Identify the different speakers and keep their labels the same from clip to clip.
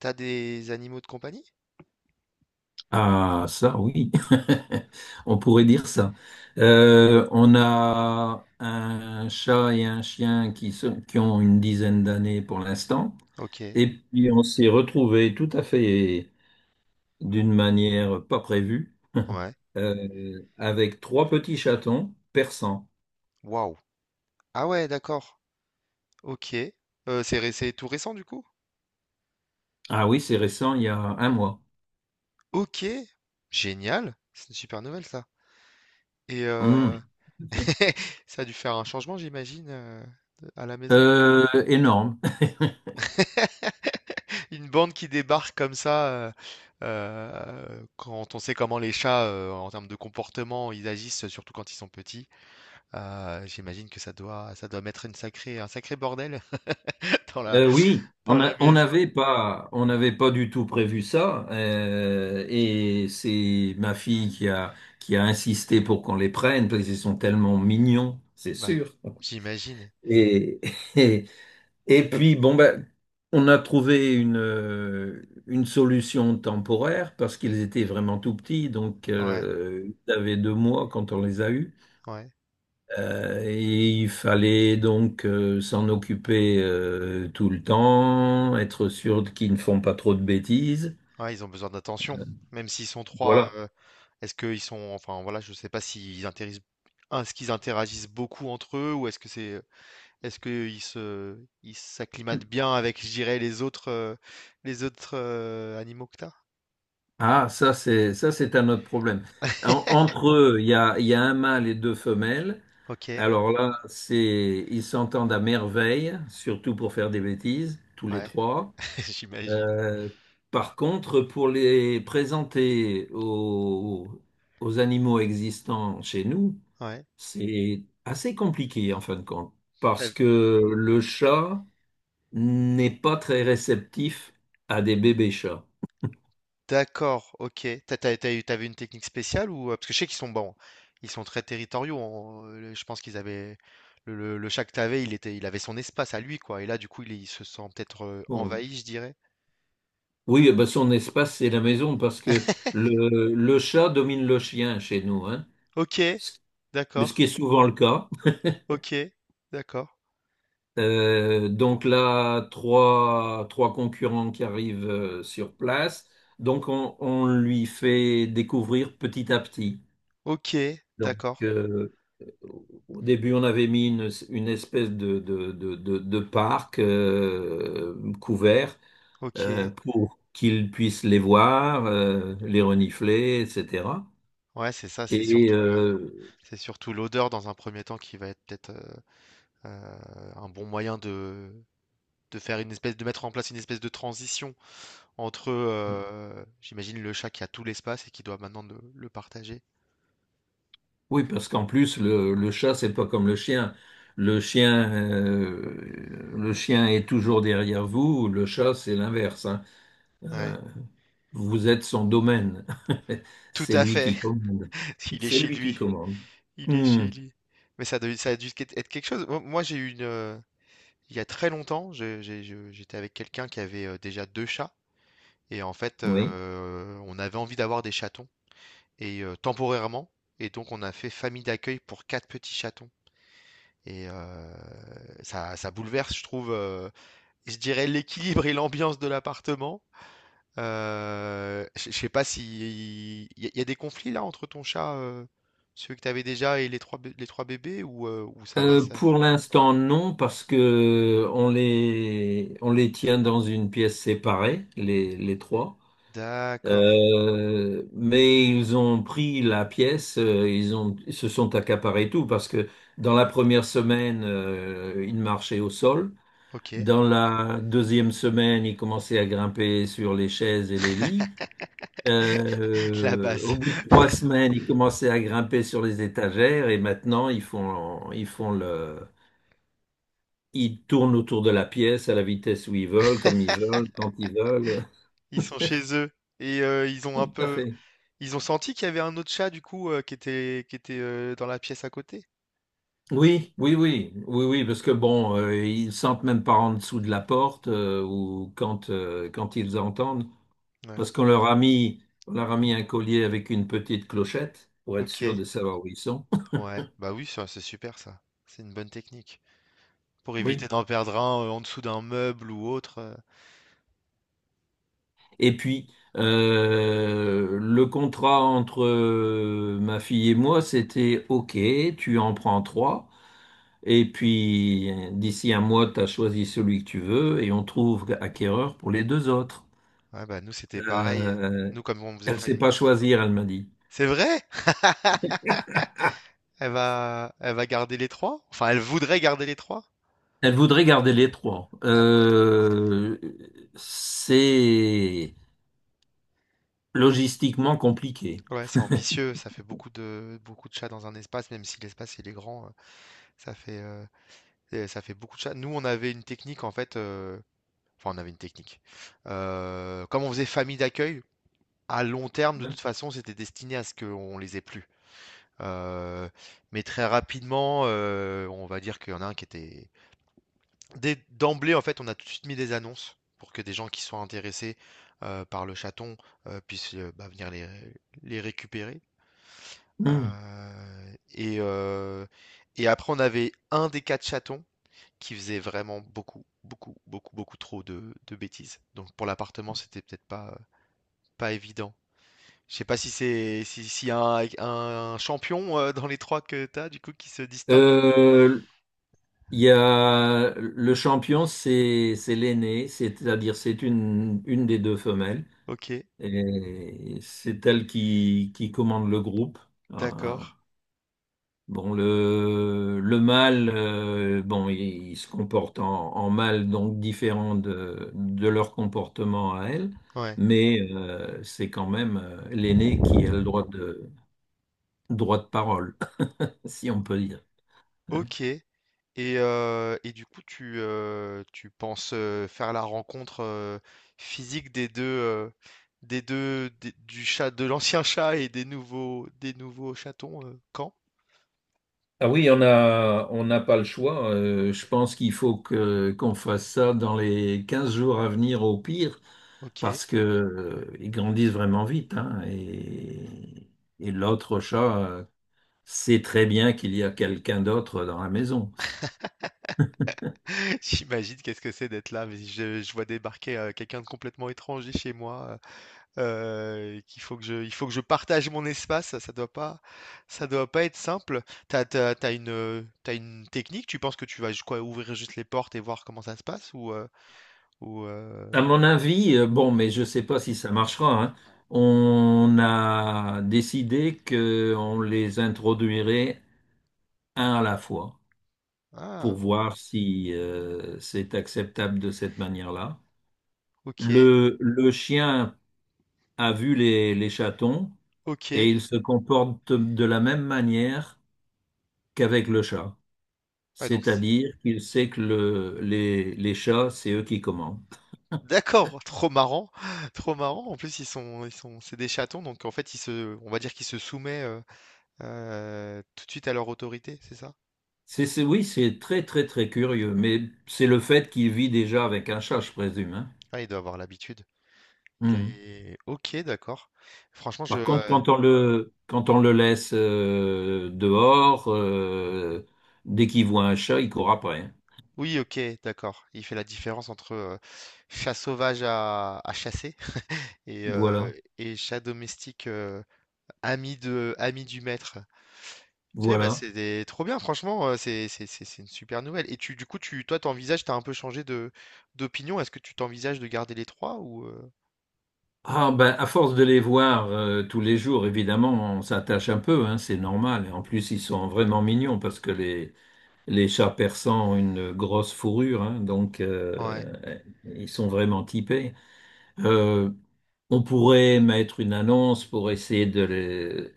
Speaker 1: T'as des animaux de compagnie?
Speaker 2: Ah, ça, oui, on pourrait dire ça. On a un chat et un chien qui ont une dizaine d'années pour l'instant,
Speaker 1: Ok,
Speaker 2: et puis on s'est retrouvés tout à fait d'une manière pas prévue,
Speaker 1: ouais.
Speaker 2: avec trois petits chatons persans.
Speaker 1: Waouh. Ah ouais, d'accord. Ok. C'est c'est tout récent du coup?
Speaker 2: Ah oui, c'est récent, il y a un mois.
Speaker 1: Ok. Génial. C'est une super nouvelle ça. Et
Speaker 2: Hum.
Speaker 1: ça a dû faire un changement, j'imagine, à la maison.
Speaker 2: Énorme.
Speaker 1: Une bande qui débarque comme ça, quand on sait comment les chats, en termes de comportement, ils agissent, surtout quand ils sont petits, j'imagine que ça doit mettre une sacrée, un sacré bordel dans
Speaker 2: Oui,
Speaker 1: dans la maison.
Speaker 2: on n'avait pas du tout prévu ça, et c'est ma fille qui a insisté pour qu'on les prenne parce qu'ils sont tellement mignons, c'est
Speaker 1: Bah,
Speaker 2: sûr.
Speaker 1: j'imagine.
Speaker 2: Et, et, et puis bon ben, on a trouvé une solution temporaire parce qu'ils étaient vraiment tout petits, donc
Speaker 1: Ouais,
Speaker 2: ils avaient deux mois quand on les a eus.
Speaker 1: ouais,
Speaker 2: Et il fallait donc s'en occuper tout le temps, être sûr qu'ils ne font pas trop de bêtises.
Speaker 1: ouais, ils ont besoin d'attention. Même s'ils sont trois,
Speaker 2: Voilà.
Speaker 1: est-ce qu'ils sont, enfin voilà, je sais pas s'ils interagissent, est-ce qu'ils interagissent beaucoup entre eux ou est-ce que c'est, est-ce qu'ils se, ils s'acclimatent bien avec, je dirais, les autres animaux que t'as?
Speaker 2: Ah, ça c'est un autre problème. En- entre eux, il y a un mâle et deux femelles.
Speaker 1: Ok,
Speaker 2: Alors là, c'est ils s'entendent à merveille, surtout pour faire des bêtises, tous les
Speaker 1: ouais,
Speaker 2: trois.
Speaker 1: j'imagine.
Speaker 2: Euh, Par contre, pour les présenter aux animaux existants chez nous,
Speaker 1: Ouais.
Speaker 2: c'est assez compliqué en fin de compte, parce que le chat n'est pas très réceptif à des bébés chats.
Speaker 1: D'accord, OK. T'avais une technique spéciale ou parce que je sais qu'ils sont bons, ils sont très territoriaux. Je pense qu'ils avaient le chat que t'avais, il avait son espace à lui quoi. Et là, du coup, il se sent peut-être
Speaker 2: Bon.
Speaker 1: envahi, je dirais.
Speaker 2: Oui, eh ben, son espace, c'est la maison, parce que le chat domine le chien chez nous, hein.
Speaker 1: Ok,
Speaker 2: Ce mais ce
Speaker 1: d'accord.
Speaker 2: qui est souvent le cas.
Speaker 1: Ok, d'accord.
Speaker 2: Donc là, trois concurrents qui arrivent sur place, donc on lui fait découvrir petit à petit.
Speaker 1: Ok,
Speaker 2: Donc,
Speaker 1: d'accord.
Speaker 2: au début, on avait mis une espèce de parc couvert
Speaker 1: Ok.
Speaker 2: pour qu'ils puissent les voir, les renifler, etc.
Speaker 1: Ouais, c'est ça, c'est
Speaker 2: Et
Speaker 1: surtout c'est surtout l'odeur dans un premier temps qui va être peut-être euh, un bon moyen de faire une espèce, de mettre en place une espèce de transition entre, j'imagine le chat qui a tout l'espace et qui doit maintenant le partager.
Speaker 2: oui, parce qu'en plus, le chat, c'est pas comme le chien. Le chien, le chien est toujours derrière vous. Le chat, c'est l'inverse, hein. Euh,
Speaker 1: Ouais,
Speaker 2: Vous êtes son domaine.
Speaker 1: tout
Speaker 2: C'est
Speaker 1: à
Speaker 2: lui
Speaker 1: fait.
Speaker 2: qui commande.
Speaker 1: Il est
Speaker 2: C'est
Speaker 1: chez
Speaker 2: lui qui
Speaker 1: lui,
Speaker 2: commande.
Speaker 1: il est
Speaker 2: Hmm,
Speaker 1: chez lui. Mais ça a dû quét être quelque chose. J'ai eu une, il y a très longtemps, j'étais avec quelqu'un qui avait, déjà 2 chats et en fait,
Speaker 2: oui.
Speaker 1: on avait envie d'avoir des chatons et temporairement et donc on a fait famille d'accueil pour 4 petits chatons et ça bouleverse, je trouve, je dirais l'équilibre et l'ambiance de l'appartement. Je sais pas si il y, a y a des conflits là entre ton chat, celui que t'avais déjà et les trois les trois bébés ou ça va ça.
Speaker 2: Pour l'instant, non, parce que on les tient dans une pièce séparée, les trois.
Speaker 1: D'accord.
Speaker 2: Mais ils ont pris la pièce, ils se sont accaparés tout, parce que dans la première semaine, ils marchaient au sol.
Speaker 1: Ok.
Speaker 2: Dans la deuxième semaine, ils commençaient à grimper sur les chaises et les lits.
Speaker 1: La
Speaker 2: Au
Speaker 1: base.
Speaker 2: bout de trois semaines, ils commençaient à grimper sur les étagères et maintenant ils tournent autour de la pièce à la vitesse où ils veulent, comme ils veulent, quand ils veulent.
Speaker 1: Ils sont chez eux et ils ont un
Speaker 2: Tout à
Speaker 1: peu
Speaker 2: fait.
Speaker 1: ils ont senti qu'il y avait un autre chat du coup qui était dans la pièce à côté.
Speaker 2: Oui, oui, oui, oui, oui, parce que bon, ils sentent même pas en dessous de la porte ou quand quand ils entendent,
Speaker 1: Ouais.
Speaker 2: parce qu'on leur a mis on leur a mis un collier avec une petite clochette pour être sûr
Speaker 1: Ok.
Speaker 2: de savoir où ils sont.
Speaker 1: Ouais. Bah oui, ça, c'est super ça. C'est une bonne technique pour éviter
Speaker 2: Oui.
Speaker 1: d'en perdre un en dessous d'un meuble ou autre.
Speaker 2: Et puis le contrat entre ma fille et moi, c'était OK, tu en prends trois. Et puis, d'ici un mois, tu as choisi celui que tu veux et on trouve acquéreur pour les deux autres.
Speaker 1: Ouais, bah nous c'était pareil.
Speaker 2: Euh,
Speaker 1: Nous comme on faisait
Speaker 2: elle ne sait
Speaker 1: famille.
Speaker 2: pas choisir, elle m'a dit.
Speaker 1: C'est vrai? Elle va garder les trois? Enfin, elle voudrait garder les trois?
Speaker 2: Elle voudrait garder les trois.
Speaker 1: Ah ouais.
Speaker 2: C'est logistiquement compliqué.
Speaker 1: Ouais, c'est ambitieux. Ça fait beaucoup de chats dans un espace, même si l'espace il est grand. Ça fait, et ça fait beaucoup de chats. Nous, on avait une technique en fait. Enfin, on avait une technique. Comme on faisait famille d'accueil, à long terme, de toute façon, c'était destiné à ce qu'on les ait plus. Euh, mais très rapidement, on va dire qu'il y en a un qui était, dès d'emblée, en fait, on a tout de suite mis des annonces pour que des gens qui soient intéressés par le chaton puissent bah, venir les récupérer.
Speaker 2: Hmm.
Speaker 1: Euh, et, euh, et après, on avait un des quatre chatons qui faisait vraiment beaucoup, beaucoup, beaucoup, beaucoup trop de bêtises. Donc pour l'appartement, c'était peut-être pas, pas évident. Je sais pas si c'est si, s'il y a un champion dans les trois que t'as, du coup, qui se distingue un peu.
Speaker 2: Euh, il y a le champion, c'est l'aîné, c'est-à-dire c'est une des deux femelles.
Speaker 1: Ok,
Speaker 2: Et c'est elle qui commande le groupe. Euh,
Speaker 1: d'accord.
Speaker 2: Bon, le mâle, bon, il se comporte en mâle, donc différent de leur comportement à elle,
Speaker 1: Ouais.
Speaker 2: mais c'est quand même l'aîné qui a le droit de parole, si on peut dire.
Speaker 1: Ok. Et du coup, tu penses faire la rencontre physique des deux, du chat, de l'ancien chat et des nouveaux chatons quand?
Speaker 2: Ah oui, on n'a pas le choix. Euh, je pense qu'il faut qu'on fasse ça dans les 15 jours à venir au pire,
Speaker 1: Ok.
Speaker 2: parce que, ils grandissent vraiment vite, hein, et l'autre chat sait très bien qu'il y a quelqu'un d'autre dans la maison.
Speaker 1: J'imagine qu'est-ce que c'est d'être là, mais je vois débarquer quelqu'un de complètement étranger chez moi. Qu'il faut que je il faut que je partage mon espace, ça doit pas être simple. T'as une, tu une technique? Tu penses que tu vas ju quoi, ouvrir juste les portes et voir comment ça se passe ou, ou, heu
Speaker 2: À mon avis, bon, mais je ne sais pas si ça marchera, hein, on a décidé qu'on les introduirait un à la fois pour
Speaker 1: ah!
Speaker 2: voir si c'est acceptable de cette manière-là.
Speaker 1: OK,
Speaker 2: Le chien a vu les chatons et
Speaker 1: OK.
Speaker 2: il se comporte de la même manière qu'avec le chat.
Speaker 1: Ouais donc c
Speaker 2: C'est-à-dire qu'il sait que les chats, c'est eux qui commandent.
Speaker 1: D'accord, trop marrant, trop marrant. En plus, ils sont c'est des chatons donc en fait, ils se on va dire qu'ils se soumettent tout de suite à leur autorité, c'est ça?
Speaker 2: C'est oui, c'est très, très, très curieux, mais c'est le fait qu'il vit déjà avec un chat, je présume, hein.
Speaker 1: Ah, il doit avoir l'habitude. Il
Speaker 2: Mhm.
Speaker 1: est OK, d'accord. Franchement,
Speaker 2: Par contre, quand on le laisse dehors, dès qu'il voit un chat, il court après, hein.
Speaker 1: Oui, ok, d'accord. Il fait la différence entre chat sauvage à chasser et, euh,
Speaker 2: Voilà,
Speaker 1: et chat domestique ami ami du maître. Tu sais, bah,
Speaker 2: voilà.
Speaker 1: trop bien, franchement, c'est une super nouvelle. Et tu, du coup, tu, toi, t'envisages, t'as un peu changé de d'opinion. Est-ce que tu t'envisages de garder les trois ou
Speaker 2: Ah ben, à force de les voir tous les jours, évidemment, on s'attache un peu, hein, c'est normal. Et en plus, ils sont vraiment mignons parce que les chats persans ont une grosse fourrure, hein, donc
Speaker 1: Ouais.
Speaker 2: ils sont vraiment typés. Euh, On pourrait mettre une annonce pour essayer de les...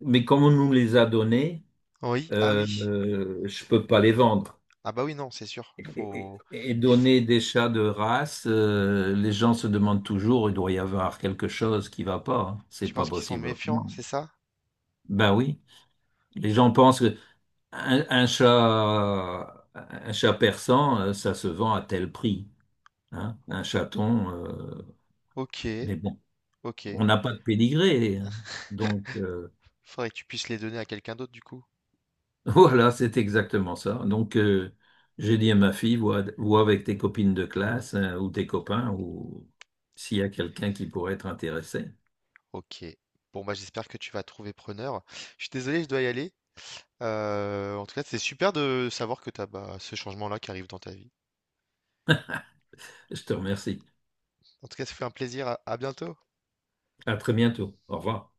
Speaker 2: Mais comme on nous les a donnés,
Speaker 1: Oui, ah
Speaker 2: euh,
Speaker 1: oui.
Speaker 2: je peux pas les vendre.
Speaker 1: Ah bah oui, non, c'est sûr.
Speaker 2: Et,
Speaker 1: Faut...
Speaker 2: et
Speaker 1: Il faut...
Speaker 2: donner des chats de race, les gens se demandent toujours, il doit y avoir quelque chose qui va pas, hein. C'est
Speaker 1: Tu
Speaker 2: pas
Speaker 1: penses qu'ils sont
Speaker 2: possible.
Speaker 1: méfiants,
Speaker 2: Non.
Speaker 1: c'est ça?
Speaker 2: Ben oui, les gens pensent que un chat persan, ça se vend à tel prix, hein. Un chaton,
Speaker 1: Ok,
Speaker 2: mais bon,
Speaker 1: ok.
Speaker 2: on n'a pas de pédigré, hein, donc,
Speaker 1: Faudrait que tu puisses les donner à quelqu'un d'autre, du coup.
Speaker 2: voilà, c'est exactement ça. Donc, j'ai dit à ma fille, vois avec tes copines de classe hein, ou tes copains ou s'il y a quelqu'un qui pourrait être intéressé.
Speaker 1: Ok. Bon, bah, j'espère que tu vas trouver preneur. Je suis désolé, je dois y aller. En tout cas, c'est super de savoir que tu as ce changement-là qui arrive dans ta vie.
Speaker 2: Je te remercie.
Speaker 1: En tout cas, ça fait un plaisir. À bientôt.
Speaker 2: À très bientôt. Au revoir.